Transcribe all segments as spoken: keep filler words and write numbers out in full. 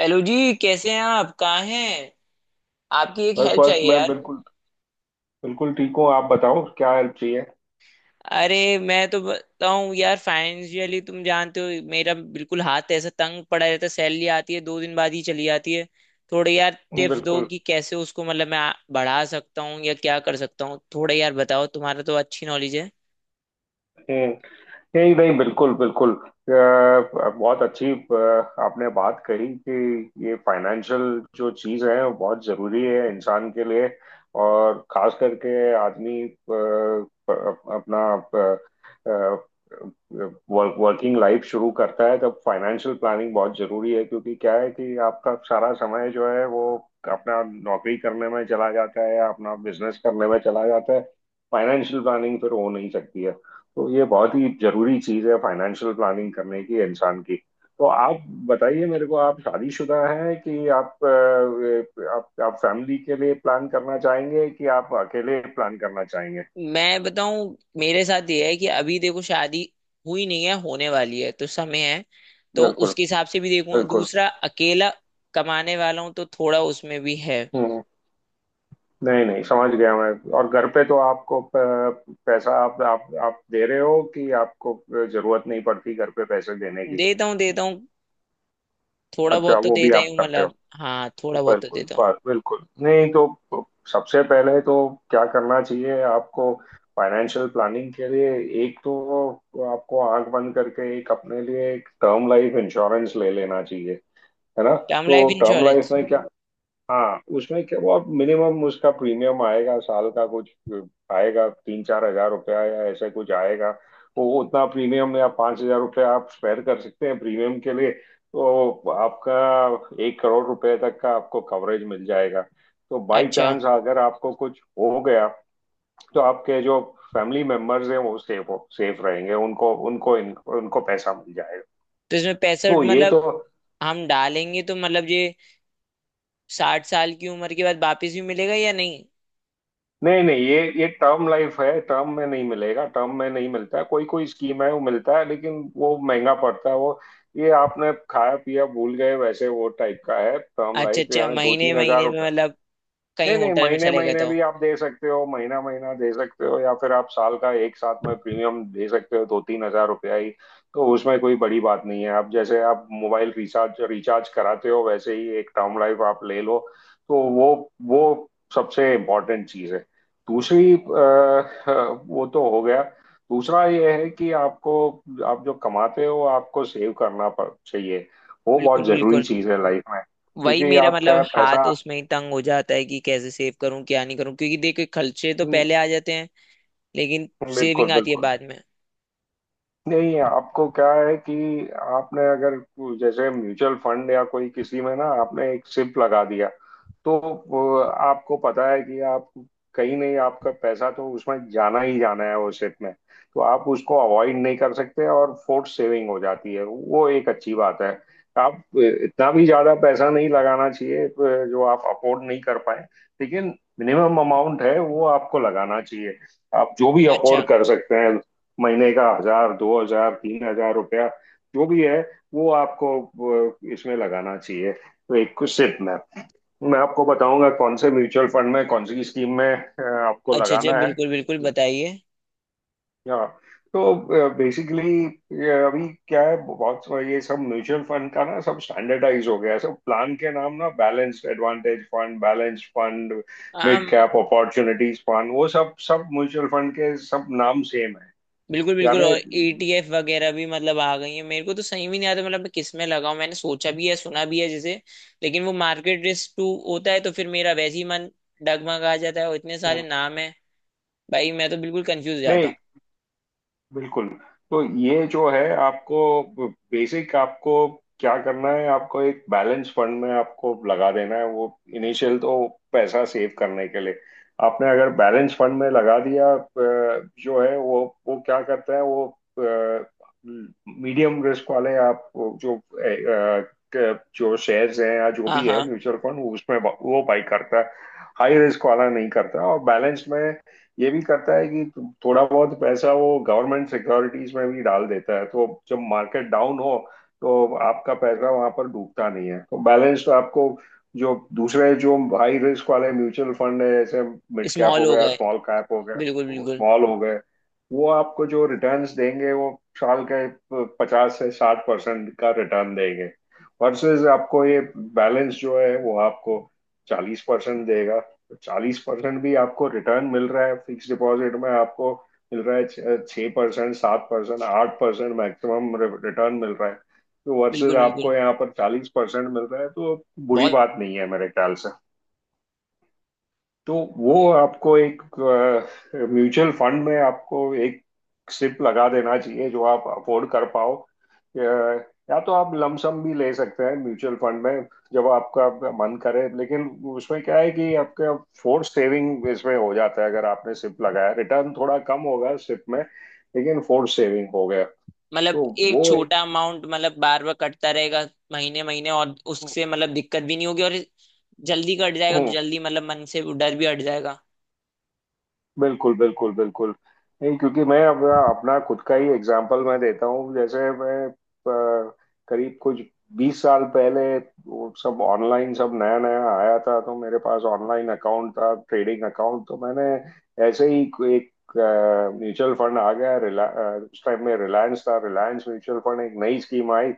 Hello जी, कैसे हैं आप? कहाँ हैं? आपकी एक बस हेल्प बस चाहिए मैं यार। बिल्कुल बिल्कुल ठीक हूँ। आप बताओ क्या हेल्प चाहिए। अरे मैं तो बताऊं यार, फाइनेंशियली तुम जानते हो, मेरा बिल्कुल हाथ ऐसा तंग पड़ा रहता है। सैलरी आती है, दो दिन बाद ही चली जाती है। थोड़े यार टिप्स दो बिल्कुल। कि कैसे उसको, मतलब मैं आ- बढ़ा सकता हूँ या क्या कर सकता हूँ। थोड़े यार बताओ, तुम्हारा तो अच्छी नॉलेज है। हम्म, नहीं नहीं बिल्कुल बिल्कुल। अ, बहुत अच्छी। अ, आपने बात कही कि ये फाइनेंशियल जो चीज़ है वो बहुत ज़रूरी है इंसान के लिए। और खास करके आदमी अ, अप- अपना वर्क, वर्किंग लाइफ शुरू करता है तब फाइनेंशियल प्लानिंग बहुत ज़रूरी है, क्योंकि क्या है कि आपका सारा समय जो है वो अपना नौकरी करने में चला जाता है या अपना बिजनेस करने में चला जाता है। फाइनेंशियल प्लानिंग फिर हो नहीं सकती है। तो ये बहुत ही जरूरी चीज है, फाइनेंशियल प्लानिंग करने की इंसान की। तो आप बताइए मेरे को, आप शादीशुदा हैं कि आप अ, आप आप फैमिली के लिए प्लान करना चाहेंगे कि आप अकेले प्लान करना चाहेंगे। मैं बताऊं, मेरे साथ ये है कि अभी देखो, शादी हुई नहीं है, होने वाली है तो समय है। तो बिल्कुल उसके हिसाब से भी देखूंगा। बिल्कुल। दूसरा, अकेला कमाने वाला हूं तो थोड़ा उसमें भी है। हम्म, नहीं नहीं, समझ गया मैं। और घर पे तो आपको प- पैसा आप आप आप दे रहे हो कि आपको जरूरत नहीं पड़ती घर पे पैसे देने की। देता हूँ, देता हूँ। थोड़ा अच्छा, बहुत तो वो भी देता ही आप हूँ, करते हो। मतलब हाँ, थोड़ा बहुत तो बिल्कुल देता हूँ। बात, बिल्कुल। नहीं तो सबसे पहले तो क्या करना चाहिए आपको फाइनेंशियल प्लानिंग के लिए। एक तो आपको आंख बंद करके एक अपने लिए एक टर्म लाइफ इंश्योरेंस ले लेना चाहिए, है ना। टर्म तो लाइफ टर्म लाइफ इंश्योरेंस? में क्या, हाँ उसमें क्या, वो आप मिनिमम उसका प्रीमियम आएगा साल का कुछ आएगा तीन चार हजार रुपया या ऐसा कुछ आएगा। वो उतना प्रीमियम या पाँच हजार रुपया आप स्पेयर कर सकते हैं प्रीमियम के लिए, तो आपका एक करोड़ रुपए तक का आपको कवरेज मिल जाएगा। तो बाई अच्छा, चांस अगर आपको कुछ हो गया तो आपके जो फैमिली मेंबर्स हैं वो सेफ हो सेफ रहेंगे, उनको उनको उनको पैसा मिल जाएगा। तो इसमें पैसा तो ये मतलब तो। हम डालेंगे तो मतलब ये साठ साल की उम्र के बाद वापस भी मिलेगा या नहीं? नहीं नहीं, ये ये टर्म लाइफ है, टर्म में नहीं मिलेगा। टर्म में नहीं मिलता है, कोई कोई स्कीम है वो मिलता है लेकिन वो महंगा पड़ता है वो। ये आपने खाया पिया भूल गए वैसे वो टाइप का है टर्म अच्छा लाइफ, अच्छा, यानी दो महीने तीन हजार महीने में रुपया मतलब कहीं नहीं नहीं, होटल में महीने चले गए महीने तो। भी आप दे सकते हो, महीना महीना दे सकते हो, या फिर आप साल का एक साथ में प्रीमियम दे सकते हो, दो तीन हजार रुपया ही। तो उसमें कोई बड़ी बात नहीं है, आप जैसे आप मोबाइल रिचार्ज रिचार्ज कराते हो वैसे ही एक टर्म लाइफ आप ले लो। तो वो वो सबसे इम्पोर्टेंट चीज़ है। दूसरी, अ, अ, वो तो हो गया। दूसरा ये है कि आपको आप जो कमाते हो आपको सेव करना पड़- चाहिए। वो बिल्कुल बहुत जरूरी बिल्कुल। चीज़ है लाइफ में, वही क्योंकि मेरा आप क्या मतलब, है, पैसा। हाथ उसमें ही तंग हो जाता है कि कैसे सेव करूं, क्या नहीं करूं, क्योंकि देखो खर्चे तो हम्म, पहले आ जाते हैं। लेकिन बिल्कुल सेविंग आती है बिल्कुल। बाद में। नहीं, आपको क्या है कि आपने अगर जैसे म्यूचुअल फंड या कोई किसी में ना आपने एक सिप लगा दिया, तो वो आपको पता है कि आप कहीं नहीं आपका पैसा तो उसमें जाना ही जाना है वो सिप में। तो आप उसको अवॉइड नहीं कर सकते और फोर्स सेविंग हो जाती है, वो एक अच्छी बात है। आप इतना भी ज्यादा पैसा नहीं लगाना चाहिए जो आप अफोर्ड नहीं कर पाए, लेकिन मिनिमम अमाउंट है वो आपको लगाना चाहिए आप जो भी अच्छा। अफोर्ड कर सकते हैं, महीने का हजार दो हजार तीन हजार रुपया जो भी है वो आपको अ, इसमें लगाना चाहिए, तो एक सिप में। मैं आपको बताऊंगा कौन से म्यूचुअल फंड में, कौन सी स्कीम में अ, आपको अच्छा अच्छा, लगाना है। बिल्कुल बिल्कुल, बताइए। या तो बेसिकली ये अभी क्या है, बहुत सा- ये सब म्यूचुअल फंड का ना सब स्टैंडर्डाइज हो गया है, सब प्लान के नाम ना balanced advantage fund, balanced fund, हाँ, मिड कैप अपॉर्चुनिटीज फंड, वो सब सब म्यूचुअल फंड के सब नाम सेम है। बिल्कुल बिल्कुल। यानी और ई टी एफ वगैरह भी मतलब आ गई है मेरे को, तो सही भी नहीं आता। मतलब मैं किस में लगाऊं? मैंने सोचा भी है, सुना भी है जैसे, लेकिन वो मार्केट रिस्क टू होता है तो फिर मेरा वैसे ही मन डगमगा जाता है। और इतने सारे नाम है भाई, मैं तो बिल्कुल कंफ्यूज हो जाता नहीं हूँ। बिल्कुल। तो ये जो है आपको बेसिक, आपको क्या करना है आपको एक बैलेंस फंड में आपको लगा देना है वो इनिशियल तो पैसा सेव करने के लिए। आपने अगर बैलेंस फंड में लगा दिया अ, जो है वो वो क्या करता है वो मीडियम रिस्क वाले, आप वो जो अ, अ, जो शेयर्स हैं या जो हाँ भी है हाँ। म्यूचुअल फंड उसमें वो बाई करता है। हाई रिस्क वाला नहीं करता, और बैलेंस में ये भी करता है कि थोड़ा बहुत पैसा वो गवर्नमेंट सिक्योरिटीज में भी डाल देता है, तो जब मार्केट डाउन हो तो आपका पैसा वहां पर डूबता नहीं है। तो बैलेंस तो आपको, जो दूसरे जो हाई रिस्क वाले म्यूचुअल फंड है जैसे मिड कैप स्मॉल हो हो गया, गए। स्मॉल कैप हो गया, बिल्कुल बिल्कुल। स्मॉल हो गए वो आपको जो रिटर्न्स देंगे वो साल के पचास से साठ परसेंट का रिटर्न देंगे। वर्सेस आपको ये बैलेंस जो है वो आपको चालीस परसेंट देगा। तो चालीस परसेंट भी आपको रिटर्न मिल रहा है, फिक्स डिपॉजिट में आपको मिल रहा है छः परसेंट सात परसेंट आठ परसेंट मैक्सिमम रिटर्न मिल रहा है। तो वर्सेस बिल्कुल आपको बिल्कुल। यहाँ पर चालीस परसेंट मिल रहा है तो बहुत। बुरी बात नहीं है मेरे ख्याल से। तो वो आपको एक म्यूचुअल फंड में आपको एक सिप लगा देना चाहिए जो आप अफोर्ड कर पाओ। अ, या तो आप लमसम भी ले सकते हैं म्यूचुअल फंड में जब आपका मन करे, लेकिन उसमें क्या है कि आपका फोर्स सेविंग इसमें हो जाता है, अगर आपने सिप लगाया रिटर्न थोड़ा कम होगा सिप में, लेकिन फोर्स सेविंग हो गया। तो मतलब एक वो एक, छोटा अमाउंट, मतलब बार बार कटता रहेगा महीने महीने, और उससे मतलब दिक्कत भी नहीं होगी। और जल्दी कट जाएगा तो जल्दी मतलब मन से वो डर भी हट जाएगा। बिल्कुल, बिल्कुल, बिल्कुल। नहीं, क्योंकि मैं अपना अपना खुद का ही एग्जांपल मैं देता हूँ। जैसे मैं अ, करीब कुछ बीस साल पहले वो सब ऑनलाइन सब नया-नया आया था, तो मेरे पास ऑनलाइन अकाउंट था, ट्रेडिंग अकाउंट, तो मैंने ऐसे ही कोई एक म्यूचुअल फंड आ गया, रिला अ, उस टाइम में रिलायंस था, रिलायंस म्यूचुअल फंड एक नई स्कीम आई,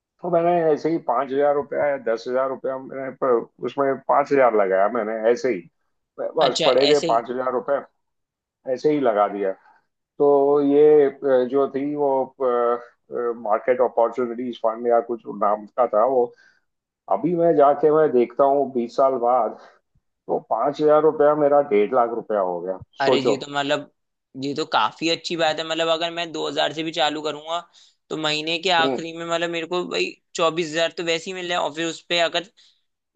तो मैंने ऐसे ही पांच हजार रुपया या दस हजार रुपया मैंने प- उसमें पांच हजार लगाया मैंने ऐसे ही। बस अच्छा, पड़े थे ऐसे। पांच हजार, ऐसे ही लगा दिया। तो ये अ, जो थी वो मार्केट अपॉर्चुनिटीज फंड या कुछ नाम का था वो। अभी मैं जाके मैं देखता हूँ बीस साल बाद, तो पांच हजार रुपया मेरा डेढ़ लाख रुपया हो गया, अरे जी, सोचो। तो मतलब ये तो काफी अच्छी बात है। मतलब अगर मैं दो हजार से भी चालू करूंगा तो महीने के हम्म, आखिरी में मतलब मेरे को भाई चौबीस हजार तो वैसे ही मिल रहा है। और फिर उस पे अगर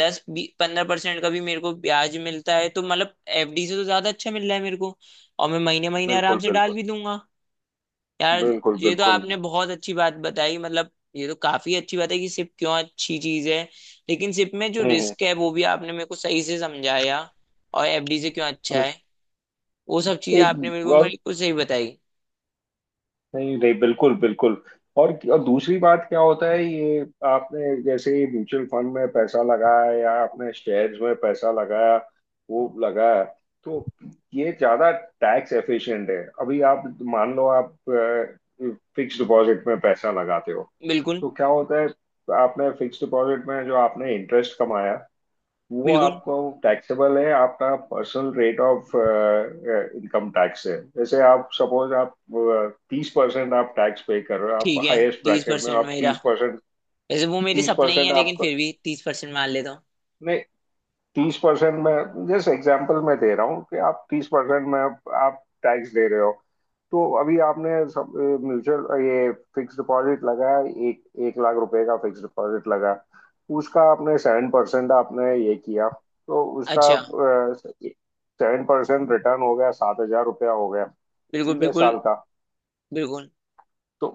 दस पंद्रह परसेंट का भी मेरे को ब्याज मिलता है तो मतलब एफ डी से तो ज्यादा अच्छा मिल रहा है मेरे को। और मैं महीने महीने आराम बिल्कुल से डाल बिल्कुल भी दूंगा। यार, बिल्कुल ये तो बिल्कुल। आपने बहुत अच्छी बात बताई। मतलब ये तो काफी अच्छी बात है कि सिप क्यों अच्छी चीज है, लेकिन सिप में जो हम्म हम्म, रिस्क है वो भी आपने मेरे को सही से समझाया। और एफ डी से क्यों अच्छा हम्म। है, वो सब चीजें आपने एक बिल्कुल और। मेरे को सही बताई। नहीं नहीं, बिल्कुल बिल्कुल। और और दूसरी बात क्या होता है ये, आपने जैसे म्यूचुअल फंड में पैसा लगाया या आपने शेयर्स में पैसा लगाया वो लगाया, तो ये ज्यादा टैक्स एफिशिएंट है। अभी आप मान लो आप फिक्स डिपॉजिट में पैसा लगाते हो, बिल्कुल तो क्या होता है, आपने फिक्स डिपॉजिट में जो आपने इंटरेस्ट कमाया वो बिल्कुल, आपको टैक्सेबल है आपका personal rate of income tax है, जैसे आप सपोज आप uh, तीस परसेंट आप टैक्स पे कर रहे हो, आप ठीक है। हाईएस्ट तीस ब्रैकेट में हो, परसेंट आप मेरा, तीस परसेंट। वैसे वो मेरे तीस सपने ही परसेंट है, लेकिन आपको फिर भी तीस परसेंट मान लेता हूँ। तीस परसेंट में, जैसे एग्जाम्पल मैं दे रहा हूँ कि आप तीस परसेंट में आप टैक्स दे रहे हो। तो अभी आपने सब म्यूचुअल ये फिक्स डिपॉजिट लगाया, एक एक लाख रुपए का फिक्स डिपॉजिट लगा। उसका आपने सेवन परसेंट आपने ये किया, तो उसका अच्छा। सेवन परसेंट रिटर्न हो गया, सात हजार रुपया हो गया। बिल्कुल ठीक है, बिल्कुल साल का। बिल्कुल। तो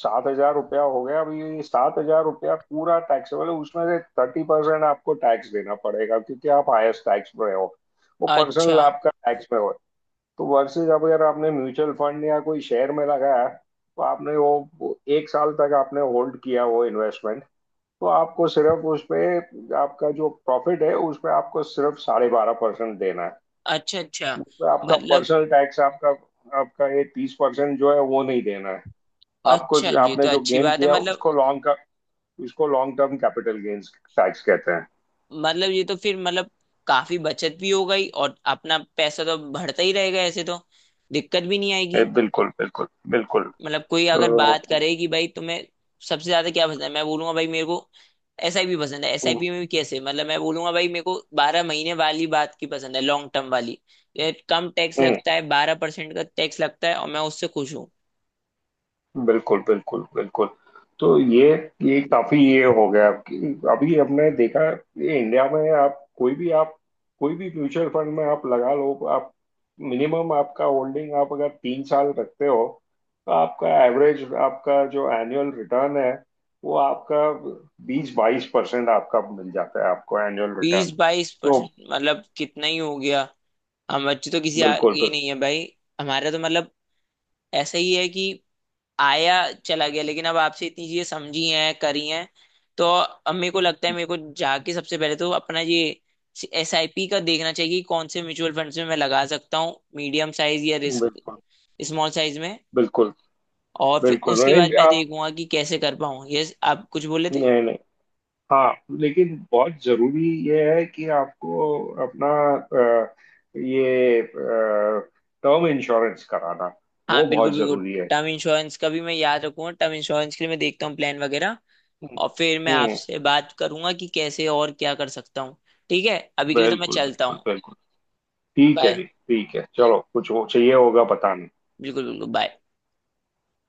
सात हजार रुपया हो गया अभी, सात हजार रुपया पूरा टैक्सेबल है उसमें से थर्टी परसेंट आपको टैक्स देना पड़ेगा, क्योंकि आप हाईएस्ट टैक्स में हो, वो अच्छा पर्सनल आपका टैक्स में हो। तो वर्सेज अगर आपने म्यूचुअल फंड या कोई शेयर में लगाया तो आपने वो वो एक साल तक आपने होल्ड किया वो इन्वेस्टमेंट, तो आपको सिर्फ उसपे आपका जो प्रॉफिट है उसपे आपको सिर्फ साढ़े बारह परसेंट देना है। अच्छा अच्छा, उसपे आपका मतलब। पर्सनल टैक्स, आपका आपका ये तीस परसेंट जो है वो नहीं देना है आपको, अच्छा, ये आपने तो जो अच्छी गेन बात है, किया मतलब। उसको लॉन्ग का, उसको long term capital gains tax कहते हैं। मतलब ये तो फिर, मतलब काफी बचत भी हो गई और अपना पैसा तो बढ़ता ही रहेगा, ऐसे तो दिक्कत भी नहीं ए, आएगी। बिल्कुल बिल्कुल बिल्कुल। मतलब कोई अ, अगर बात करे कि भाई तुम्हें सबसे ज्यादा क्या पसंद है, मैं बोलूंगा भाई मेरे को एस आई पी पसंद है। एस आई पी में भी कैसे, मतलब मैं बोलूंगा भाई मेरे को बारह महीने वाली बात की पसंद है, लॉन्ग टर्म वाली। ये कम टैक्स हम्म, लगता है, बारह परसेंट का टैक्स लगता है, और मैं उससे खुश हूँ। बिल्कुल बिल्कुल बिल्कुल। तो ये ये काफी ये हो गया आपकी, अभी हमने देखा ये इंडिया में आप कोई भी, आप कोई भी म्यूचुअल फंड में आप लगा लो, आप मिनिमम आपका होल्डिंग आप अगर तीन साल रखते हो, तो आपका एवरेज आपका जो एनुअल रिटर्न है वो आपका बीस बाईस परसेंट आपका मिल जाता है, आपको एनुअल बीस रिटर्न। बाईस तो परसेंट मतलब कितना ही हो गया। हम बच्चे तो किसी बिल्कुल आगे ही नहीं है भाई। हमारा तो मतलब ऐसा ही है कि आया चला गया, लेकिन अब आपसे इतनी चीजें समझी हैं, करी हैं। तो अब मेरे को लगता है, मेरे को जाके सबसे पहले तो अपना ये एस आई पी का देखना चाहिए कि कौन से म्यूचुअल फंड्स में मैं लगा सकता हूँ, मीडियम साइज या रिस्क बिल्कुल स्मॉल साइज में। बिल्कुल और फिर बिल्कुल। उसके बाद नहीं मैं आप, देखूंगा कि कैसे कर पाऊँ, ये आप कुछ बोले थे। नहीं नहीं, हाँ, लेकिन बहुत जरूरी ये है कि आपको अपना अ, ये टर्म इंश्योरेंस कराना, हाँ वो बिल्कुल बहुत बिल्कुल। जरूरी है। टर्म इंश्योरेंस का भी मैं याद रखूंगा। टर्म इंश्योरेंस के लिए मैं देखता हूँ प्लान वगैरह। हम्म और फिर मैं हम्म, आपसे बात करूंगा कि कैसे और क्या कर सकता हूँ। ठीक है, अभी के लिए तो मैं बिल्कुल चलता बिल्कुल हूँ। बिल्कुल। ठीक है बाय। जी, ठीक है, चलो कुछ हो चाहिए होगा बताना। बिल्कुल बिल्कुल, बाय।